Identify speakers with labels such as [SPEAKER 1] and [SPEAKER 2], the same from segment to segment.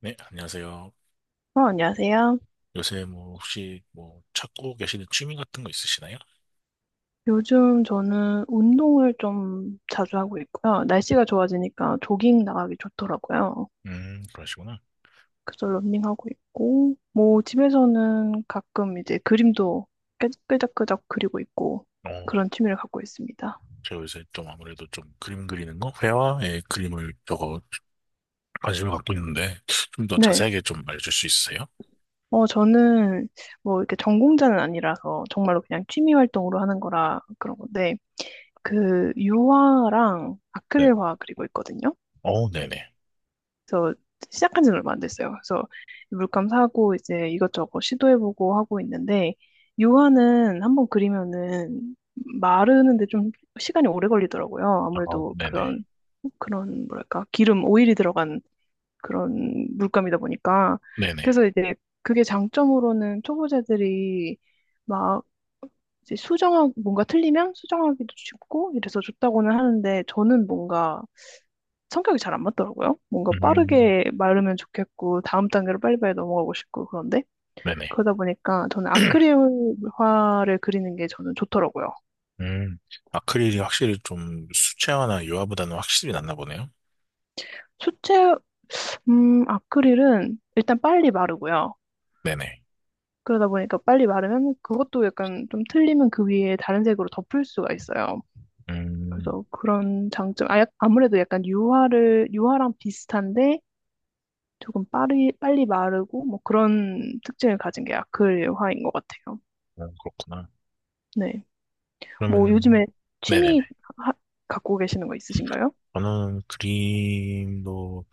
[SPEAKER 1] 네, 안녕하세요.
[SPEAKER 2] 안녕하세요.
[SPEAKER 1] 요새 혹시 뭐 찾고 계시는 취미 같은 거 있으시나요?
[SPEAKER 2] 요즘 저는 운동을 좀 자주 하고 있고요. 날씨가 좋아지니까 조깅 나가기 좋더라고요.
[SPEAKER 1] 그러시구나.
[SPEAKER 2] 그래서 러닝하고 있고, 뭐 집에서는 가끔 이제 그림도 끄적끄적 그리고 있고
[SPEAKER 1] 어,
[SPEAKER 2] 그런 취미를 갖고 있습니다.
[SPEAKER 1] 제가 요새 좀 아무래도 좀 그림 그리는 거, 회화의 그림을 저거 관심을 갖고 있는데 좀 더
[SPEAKER 2] 네.
[SPEAKER 1] 자세하게 좀 알려줄 수 있으세요?
[SPEAKER 2] 저는 뭐 이렇게 전공자는 아니라서 정말로 그냥 취미 활동으로 하는 거라 그런 건데, 그 유화랑
[SPEAKER 1] 네.
[SPEAKER 2] 아크릴화 그리고 있거든요.
[SPEAKER 1] 어, 네네.
[SPEAKER 2] 그래서 시작한 지는 얼마 안 됐어요. 그래서 물감 사고 이제 이것저것 시도해보고 하고 있는데 유화는 한번 그리면은 마르는데 좀 시간이 오래 걸리더라고요.
[SPEAKER 1] 아,
[SPEAKER 2] 아무래도
[SPEAKER 1] 네네.
[SPEAKER 2] 그런 뭐랄까 기름 오일이 들어간 그런 물감이다 보니까
[SPEAKER 1] 네네.
[SPEAKER 2] 그래서 이제 그게 장점으로는 초보자들이 막 이제 수정하고 뭔가 틀리면 수정하기도 쉽고 이래서 좋다고는 하는데 저는 뭔가 성격이 잘 안 맞더라고요. 뭔가
[SPEAKER 1] 음,
[SPEAKER 2] 빠르게 마르면 좋겠고, 다음 단계로 빨리빨리 넘어가고 싶고, 그런데,
[SPEAKER 1] 네네.
[SPEAKER 2] 그러다 보니까 저는 아크릴화를 그리는 게 저는 좋더라고요.
[SPEAKER 1] 음, 아크릴이 확실히 좀 수채화나 유화보다는 확실히 낫나 보네요.
[SPEAKER 2] 수채, 아크릴은 일단 빨리 마르고요.
[SPEAKER 1] 네네.
[SPEAKER 2] 그러다 보니까 빨리 마르면 그것도 약간 좀 틀리면 그 위에 다른 색으로 덮을 수가 있어요.
[SPEAKER 1] 음,
[SPEAKER 2] 그래서 그런 장점, 아무래도 약간 유화랑 비슷한데 조금 빨리 마르고 뭐 그런 특징을 가진 게 아크릴화인 것 같아요.
[SPEAKER 1] 어, 그렇구나.
[SPEAKER 2] 네. 뭐
[SPEAKER 1] 그러면,
[SPEAKER 2] 요즘에
[SPEAKER 1] 네네네.
[SPEAKER 2] 취미 하- 갖고 계시는 거 있으신가요?
[SPEAKER 1] 저는 그림도,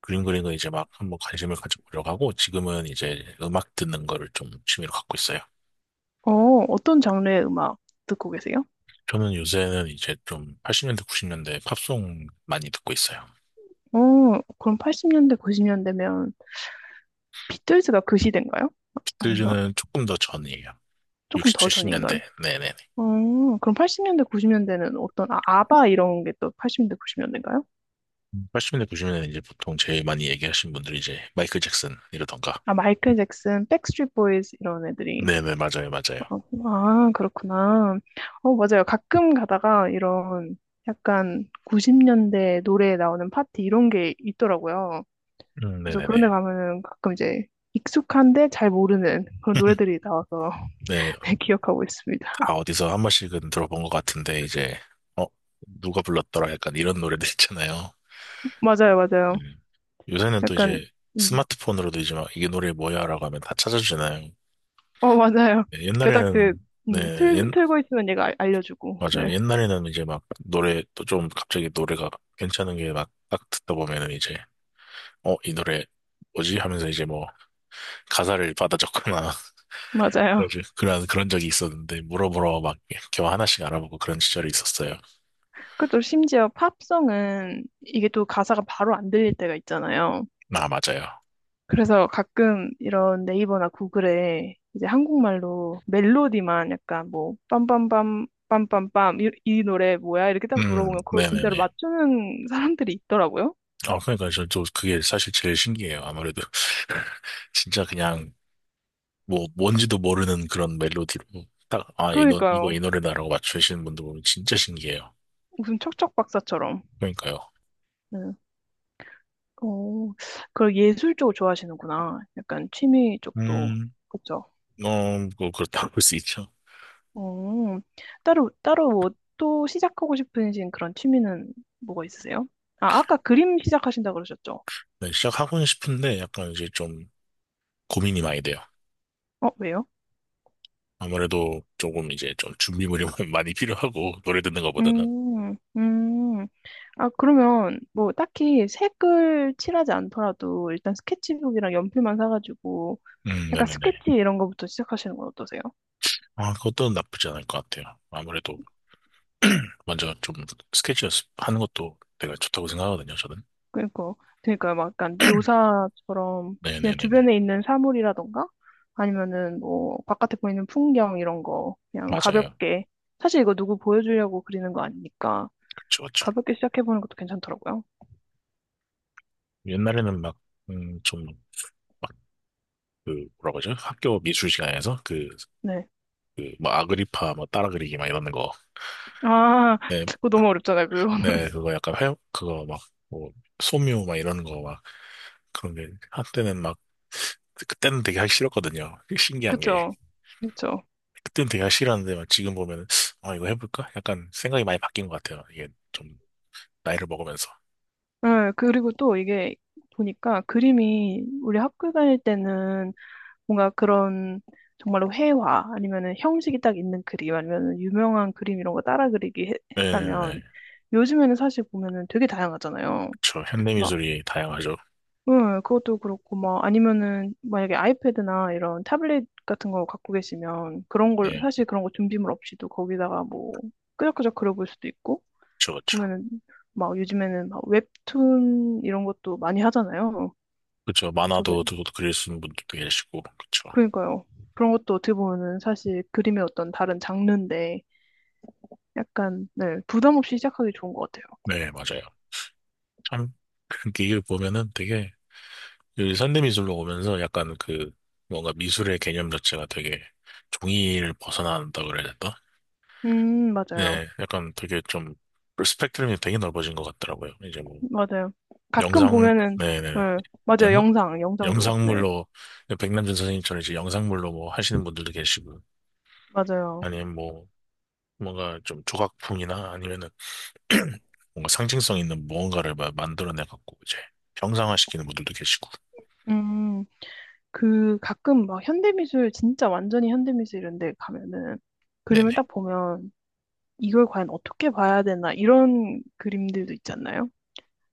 [SPEAKER 1] 그림 그리는 거 이제 막 한번 관심을 가져보려고 하고, 지금은 이제 음악 듣는 거를 좀 취미로 갖고 있어요.
[SPEAKER 2] 어, 어떤 장르의 음악 듣고 계세요?
[SPEAKER 1] 저는 요새는 이제 좀 80년대, 90년대 팝송 많이 듣고 있어요.
[SPEAKER 2] 어, 그럼 80년대, 90년대면 비틀즈가 그 시대인가요? 아, 아닌가?
[SPEAKER 1] 비틀즈는 조금 더 전이에요.
[SPEAKER 2] 조금
[SPEAKER 1] 60,
[SPEAKER 2] 더 전인가요?
[SPEAKER 1] 70년대, 네네네.
[SPEAKER 2] 어, 그럼 80년대, 90년대는 어떤 아, 아바 이런 게 또 80년대, 90년대인가요?
[SPEAKER 1] 80년대, 90년대 이제 보통 제일 많이 얘기하신 분들이 이제 마이클 잭슨 이러던가.
[SPEAKER 2] 아, 마이클 잭슨, 백스트리트 보이즈 이런 애들이.
[SPEAKER 1] 네네, 맞아요, 맞아요.
[SPEAKER 2] 어, 아, 그렇구나. 맞아요. 가끔 가다가 이런 약간 90년대 노래에 나오는 파티 이런 게 있더라고요. 그래서 그런 데
[SPEAKER 1] 네네네.
[SPEAKER 2] 가면은 가끔 이제 익숙한데 잘 모르는 그런 노래들이 나와서
[SPEAKER 1] 네,
[SPEAKER 2] 네, 기억하고 있습니다.
[SPEAKER 1] 다 어디서 한 번씩은 들어본 것 같은데, 이제, 어, 누가 불렀더라? 약간 이런 노래들 있잖아요.
[SPEAKER 2] 맞아요, 맞아요.
[SPEAKER 1] 음. 요새는 또
[SPEAKER 2] 약간,
[SPEAKER 1] 이제
[SPEAKER 2] 음,
[SPEAKER 1] 스마트폰으로도 이제 막 이게 노래 뭐야라고 하면 다 찾아주잖아요.
[SPEAKER 2] 맞아요.
[SPEAKER 1] 네,
[SPEAKER 2] 그닥 그,
[SPEAKER 1] 옛날에는 네,
[SPEAKER 2] 틀,
[SPEAKER 1] 옛,
[SPEAKER 2] 틀고 있으면 얘가 알려주고,
[SPEAKER 1] 맞아요.
[SPEAKER 2] 네,
[SPEAKER 1] 옛날에는 이제 막 노래 또 좀 갑자기 노래가 괜찮은 게 막 딱 듣다 보면은 이제 어, 이 노래 뭐지? 하면서 이제 뭐 가사를 받아 적거나
[SPEAKER 2] 맞아요.
[SPEAKER 1] 그래가지고 그런 적이 있었는데 물어보러 막 이렇게 하나씩 알아보고 그런 시절이 있었어요.
[SPEAKER 2] 그것도 심지어 팝송은 이게 또 가사가 바로 안 들릴 때가 있잖아요.
[SPEAKER 1] 아, 맞아요.
[SPEAKER 2] 그래서 가끔 이런 네이버나 구글에 이제 한국말로 멜로디만 약간 뭐 빰빰빰 빰빰빰 이 노래 뭐야? 이렇게 딱 물어보면 그걸 진짜로
[SPEAKER 1] 네네네.
[SPEAKER 2] 맞추는 사람들이 있더라고요.
[SPEAKER 1] 아, 그러니까 저 그게 사실 제일 신기해요. 아무래도 진짜 그냥 뭐 뭔지도 모르는 그런 멜로디로 딱, 아, 이거
[SPEAKER 2] 그러니까요.
[SPEAKER 1] 이 노래다라고 맞추시는 분들 보면 진짜 신기해요.
[SPEAKER 2] 무슨 척척 박사처럼.
[SPEAKER 1] 그러니까요.
[SPEAKER 2] 네. 어, 그걸 예술 쪽을 좋아하시는구나. 약간 취미 쪽도.
[SPEAKER 1] 음,
[SPEAKER 2] 그쵸?
[SPEAKER 1] 어, 뭐 그렇다고 볼 수 있죠.
[SPEAKER 2] 어, 따로 뭐 또 시작하고 싶으신 그런 취미는 뭐가 있으세요? 아, 아까 그림 시작하신다 그러셨죠?
[SPEAKER 1] 네, 시작하고는 싶은데 약간 이제 좀 고민이 많이 돼요.
[SPEAKER 2] 왜요?
[SPEAKER 1] 아무래도 조금 이제 좀 준비물이 많이 필요하고 노래 듣는 것보다는.
[SPEAKER 2] 음, 음. 아, 그러면 뭐 딱히 색을 칠하지 않더라도 일단 스케치북이랑 연필만 사가지고 약간
[SPEAKER 1] 네네네.
[SPEAKER 2] 스케치 이런 거부터 시작하시는 건 어떠세요?
[SPEAKER 1] 아, 그것도 나쁘지 않을 것 같아요. 아무래도 먼저 좀 스케치 연습하는 것도 되게 좋다고 생각하거든요, 저는.
[SPEAKER 2] 그러니까, 그러니까 막 약간 묘사처럼 그냥
[SPEAKER 1] 네네네네.
[SPEAKER 2] 주변에 있는 사물이라던가 아니면은 뭐 바깥에 보이는 풍경 이런 거 그냥
[SPEAKER 1] 맞아요.
[SPEAKER 2] 가볍게 사실 이거 누구 보여주려고 그리는 거 아니니까
[SPEAKER 1] 그렇죠, 그렇죠.
[SPEAKER 2] 가볍게 시작해보는 것도 괜찮더라고요.
[SPEAKER 1] 옛날에는 막, 좀 그 뭐라고 하죠? 학교 미술 시간에서 그
[SPEAKER 2] 네.
[SPEAKER 1] 그 뭐 아그리파 뭐 따라 그리기 막 이러는 거.
[SPEAKER 2] 아,
[SPEAKER 1] 네,
[SPEAKER 2] 그거 너무 어렵잖아요, 그거.
[SPEAKER 1] 네 그거 약간 회 그거 막 뭐 소묘 막 이러는 거 막 그런 게 한때는 막 그때는 되게 하기 싫었거든요. 신기한 게
[SPEAKER 2] 그쵸. 그쵸.
[SPEAKER 1] 그때는 되게 하기 싫었는데 막 지금 보면은 아 이거 해볼까? 약간 생각이 많이 바뀐 것 같아요. 이게 좀 나이를 먹으면서.
[SPEAKER 2] 네, 그리고 또 이게 보니까 그림이 우리 학교 다닐 때는 뭔가 그런 정말로 회화 아니면은 형식이 딱 있는 그림 아니면은 유명한 그림 이런 거 따라 그리기 했다면
[SPEAKER 1] 네네네.
[SPEAKER 2] 요즘에는 사실 보면은 되게 다양하잖아요.
[SPEAKER 1] 그렇죠. 현대
[SPEAKER 2] 막,
[SPEAKER 1] 미술이 다양하죠.
[SPEAKER 2] 응, 그것도 그렇고 막 아니면은 만약에 아이패드나 이런 타블릿 같은 거 갖고 계시면 그런 걸
[SPEAKER 1] 네,
[SPEAKER 2] 사실 그런 거 준비물 없이도 거기다가 뭐 끄적끄적 그려볼 수도 있고
[SPEAKER 1] 그렇죠, 그렇죠.
[SPEAKER 2] 보면은 막 요즘에는 막 웹툰 이런 것도 많이 하잖아요.
[SPEAKER 1] 그렇죠.
[SPEAKER 2] 저 그-
[SPEAKER 1] 만화도 또 그릴 수 있는 분들도 계시고, 그렇죠.
[SPEAKER 2] 그러니까요. 그런 것도 어떻게 보면은 사실 그림의 어떤 다른 장르인데 약간 네, 부담 없이 시작하기 좋은 것 같아요.
[SPEAKER 1] 네, 맞아요. 참, 그게 이걸 보면은 되게 그 현대미술로 오면서 약간 그 뭔가 미술의 개념 자체가 되게 종이를 벗어난다 그래야 되나?
[SPEAKER 2] 맞아요.
[SPEAKER 1] 네, 약간 되게 좀 그 스펙트럼이 되게 넓어진 것 같더라고요. 이제 뭐
[SPEAKER 2] 맞아요. 가끔
[SPEAKER 1] 영상,
[SPEAKER 2] 보면은
[SPEAKER 1] 네네.
[SPEAKER 2] 네, 맞아요.
[SPEAKER 1] 영,
[SPEAKER 2] 영상도. 네.
[SPEAKER 1] 영상물로 백남준 선생님처럼 이제 영상물로 뭐 하시는 분들도 계시고
[SPEAKER 2] 맞아요.
[SPEAKER 1] 아니면 뭐 뭔가 좀 조각품이나 아니면은 뭔가 상징성 있는 무언가를 막 만들어내 갖고 이제 형상화시키는 분들도 계시고.
[SPEAKER 2] 음, 그 가끔 막 현대미술 진짜 완전히 현대미술 이런 데 가면은
[SPEAKER 1] 네네.
[SPEAKER 2] 그림을 딱 보면 이걸 과연 어떻게 봐야 되나 이런 그림들도 있지 않나요?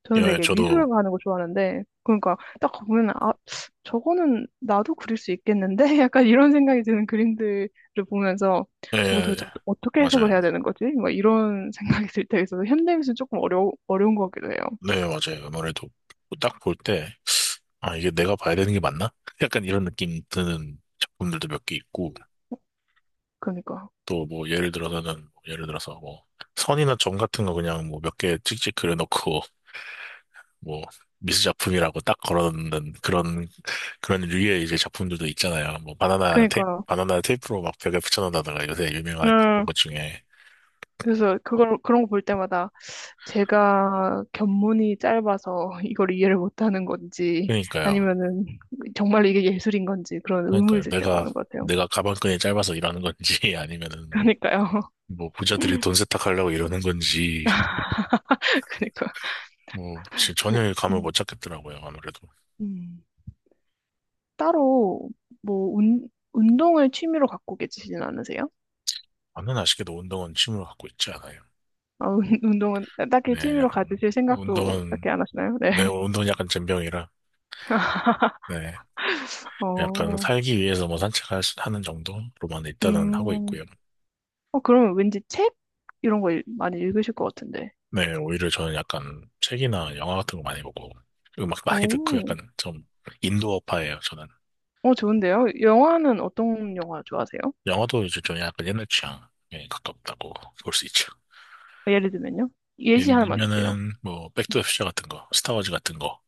[SPEAKER 2] 저는
[SPEAKER 1] 예,
[SPEAKER 2] 되게 미술을
[SPEAKER 1] 저도,
[SPEAKER 2] 가는 거 좋아하는데 그러니까 딱 보면 아 저거는 나도 그릴 수 있겠는데 약간 이런 생각이 드는 그림들을 보면서 저걸
[SPEAKER 1] 예,
[SPEAKER 2] 도대체 어떻게 해석을
[SPEAKER 1] 맞아요.
[SPEAKER 2] 해야 되는 거지? 막 이런 생각이 들 때가 있어서 현대미술 조금 어려운 것 같기도 해요.
[SPEAKER 1] 네, 맞아요. 아무래도 딱 볼 때, 아, 이게 내가 봐야 되는 게 맞나? 약간 이런 느낌 드는 작품들도 몇 개 있고,
[SPEAKER 2] 그러니까
[SPEAKER 1] 또 뭐 예를 들어서는, 뭐 예를 들어서 뭐 선이나 점 같은 거 그냥 뭐 몇 개 찍찍 그려놓고, 뭐 미술 작품이라고 딱 걸어놓는 그런, 그런 류의 이제 작품들도 있잖아요. 뭐 바나나 테이프,
[SPEAKER 2] 그러니까
[SPEAKER 1] 바나나 테이프로 막 벽에 붙여놓는다든가 요새 유명한
[SPEAKER 2] 음
[SPEAKER 1] 것 중에.
[SPEAKER 2] 그래서 그걸 그런 거 볼 때마다 제가 견문이 짧아서 이걸 이해를 못하는 건지
[SPEAKER 1] 그러니까요.
[SPEAKER 2] 아니면은 정말 이게 예술인 건지 그런 의문이
[SPEAKER 1] 그러니까요.
[SPEAKER 2] 들 때가
[SPEAKER 1] 내가,
[SPEAKER 2] 많은 것 같아요.
[SPEAKER 1] 내가 가방끈이 짧아서 이러는 건지, 아니면은 뭐,
[SPEAKER 2] 그러니까요.
[SPEAKER 1] 뭐, 부자들이 돈 세탁하려고 이러는 건지,
[SPEAKER 2] 그러니까
[SPEAKER 1] 뭐, 진짜
[SPEAKER 2] 뭐,
[SPEAKER 1] 전혀 감을
[SPEAKER 2] 음,
[SPEAKER 1] 못 잡겠더라고요, 아무래도.
[SPEAKER 2] 음. 따로 뭐 운동을 취미로 갖고 계시진 않으세요?
[SPEAKER 1] 저는 아쉽게도 운동은 취미로 갖고 있지 않아요.
[SPEAKER 2] 아, 운동은 딱히
[SPEAKER 1] 네,
[SPEAKER 2] 취미로
[SPEAKER 1] 약간,
[SPEAKER 2] 가지실 생각도
[SPEAKER 1] 운동은,
[SPEAKER 2] 딱히 안 하시나요? 네.
[SPEAKER 1] 네, 운동은 약간 젬병이라, 네, 약간
[SPEAKER 2] 어,
[SPEAKER 1] 살기 위해서 뭐 산책하는 정도로만 일단은 하고
[SPEAKER 2] 음,
[SPEAKER 1] 있고요.
[SPEAKER 2] 그러면 왠지 책 이런 거 많이 읽으실 것 같은데.
[SPEAKER 1] 네, 오히려 저는 약간 책이나 영화 같은 거 많이 보고, 음악 많이 듣고
[SPEAKER 2] 오,
[SPEAKER 1] 약간 좀 인도어파예요, 저는.
[SPEAKER 2] 좋은데요? 영화는 어떤 영화 좋아하세요?
[SPEAKER 1] 영화도 이제 좀 약간 옛날 취향에 가깝다고 볼 수 있죠.
[SPEAKER 2] 예를 들면요. 예시
[SPEAKER 1] 예를
[SPEAKER 2] 하나만 주세요.
[SPEAKER 1] 들면은 뭐
[SPEAKER 2] 음.
[SPEAKER 1] 백투더 퓨처 같은 거, 스타워즈 같은 거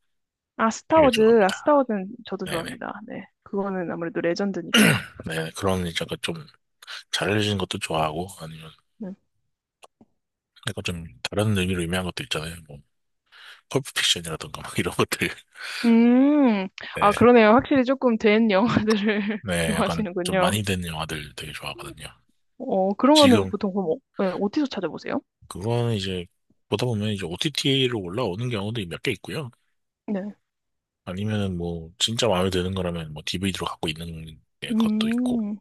[SPEAKER 2] 아,
[SPEAKER 1] 되게
[SPEAKER 2] 스타워즈. 아,
[SPEAKER 1] 좋아합니다.
[SPEAKER 2] 스타워즈는 저도
[SPEAKER 1] 네네.
[SPEAKER 2] 좋아합니다. 네. 그거는 아무래도 레전드니까.
[SPEAKER 1] 네, 그런 이제 약간 좀 잘해려진 것도 좋아하고 아니면
[SPEAKER 2] 네.
[SPEAKER 1] 약간 좀 다른 의미로 의미한 것도 있잖아요. 뭐 펄프 픽션이라던가 막 이런 것들.
[SPEAKER 2] 음,
[SPEAKER 1] 네,
[SPEAKER 2] 아, 그러네요. 확실히 조금 된 영화들을
[SPEAKER 1] 네, 약간 좀
[SPEAKER 2] 좋아하시는군요.
[SPEAKER 1] 많이 된 영화들 되게 좋아하거든요.
[SPEAKER 2] 그런 거는
[SPEAKER 1] 지금
[SPEAKER 2] 보통 그럼 네, 어디서 찾아보세요?
[SPEAKER 1] 그거는 이제 보다 보면 이제 OTT로 올라오는 경우도 몇 개 있고요.
[SPEAKER 2] 네.
[SPEAKER 1] 아니면은 뭐 진짜 마음에 드는 거라면 뭐 DVD로 갖고 있는 것도 있고
[SPEAKER 2] 음,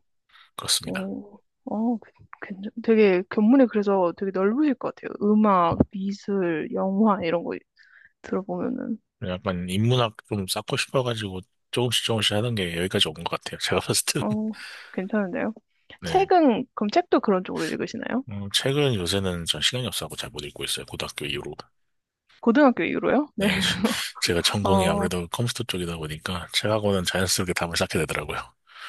[SPEAKER 1] 그렇습니다.
[SPEAKER 2] 어, 어, 그- 되게 견문이 그래서 되게 넓으실 것 같아요. 음악, 미술, 영화 이런 거 들어보면은,
[SPEAKER 1] 약간 인문학 좀 쌓고 싶어가지고 조금씩 조금씩 하던 게 여기까지 온 것 같아요. 제가 봤을 때는.
[SPEAKER 2] 어, 괜찮은데요?
[SPEAKER 1] 네.
[SPEAKER 2] 책은, 그럼 책도 그런 쪽으로 읽으시나요?
[SPEAKER 1] 책은 요새는 전 시간이 없어서고잘 못 읽고 있어요. 고등학교 이후로.
[SPEAKER 2] 고등학교 이후로요? 네.
[SPEAKER 1] 네. 제가 전공이
[SPEAKER 2] 어,
[SPEAKER 1] 아무래도 컴퓨터 쪽이다 보니까 책하고는 자연스럽게 답을 쌓게 되더라고요.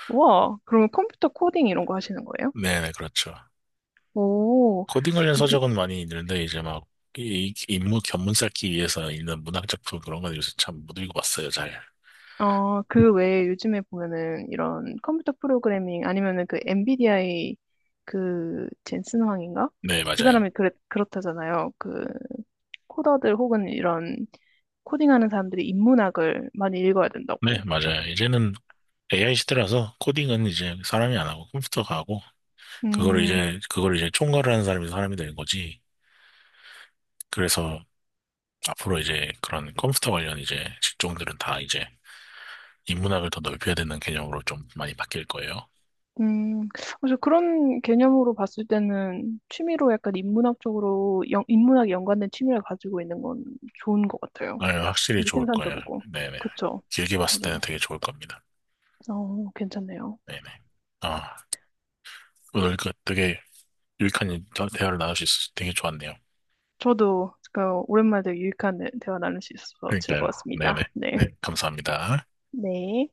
[SPEAKER 2] 와, 그러면 컴퓨터 코딩 이런 거 하시는 거예요?
[SPEAKER 1] 네네, 그렇죠.
[SPEAKER 2] 오,
[SPEAKER 1] 코딩 관련
[SPEAKER 2] 그,
[SPEAKER 1] 서적은 많이 읽는데 이제 막 이 인문 견문 쌓기 위해서 읽는 문학 작품 그런 건 요새 참 못 읽어봤어요, 잘.
[SPEAKER 2] 그 외에 요즘에 보면은 이런 컴퓨터 프로그래밍 아니면은 그 엔비디아의 그 젠슨 황인가?
[SPEAKER 1] 네,
[SPEAKER 2] 그
[SPEAKER 1] 맞아요.
[SPEAKER 2] 사람이 그렇다잖아요. 그 코더들 혹은 이런 코딩하는 사람들이 인문학을 많이 읽어야
[SPEAKER 1] 네,
[SPEAKER 2] 된다고.
[SPEAKER 1] 맞아요. 이제는 AI 시대라서 코딩은 이제 사람이 안 하고 컴퓨터가 하고 그거를
[SPEAKER 2] 음,
[SPEAKER 1] 이제 그걸 이제 총괄하는 사람이 사람이 되는 거지. 그래서 앞으로 이제 그런 컴퓨터 관련 이제 직종들은 다 이제 인문학을 더 넓혀야 되는 개념으로 좀 많이 바뀔 거예요.
[SPEAKER 2] 음, 그래서 그런 개념으로 봤을 때는 취미로 약간 인문학 쪽으로, 인문학에 연관된 취미를 가지고 있는 건 좋은 것 같아요.
[SPEAKER 1] 네, 확실히
[SPEAKER 2] 좀 더
[SPEAKER 1] 좋을 거예요.
[SPEAKER 2] 생산적이고.
[SPEAKER 1] 네네.
[SPEAKER 2] 그쵸?
[SPEAKER 1] 길게 봤을
[SPEAKER 2] 맞아.
[SPEAKER 1] 때는 되게 좋을 겁니다.
[SPEAKER 2] 괜찮네요.
[SPEAKER 1] 네네. 아, 오늘 그 되게 유익한 대화를 나눌 수 있어서 되게 좋았네요.
[SPEAKER 2] 저도 오랜만에 되게 유익한 대화 나눌 수 있어서
[SPEAKER 1] 그러니까요.
[SPEAKER 2] 즐거웠습니다.
[SPEAKER 1] 네네. 네,
[SPEAKER 2] 네.
[SPEAKER 1] 네, 감사합니다.
[SPEAKER 2] 네.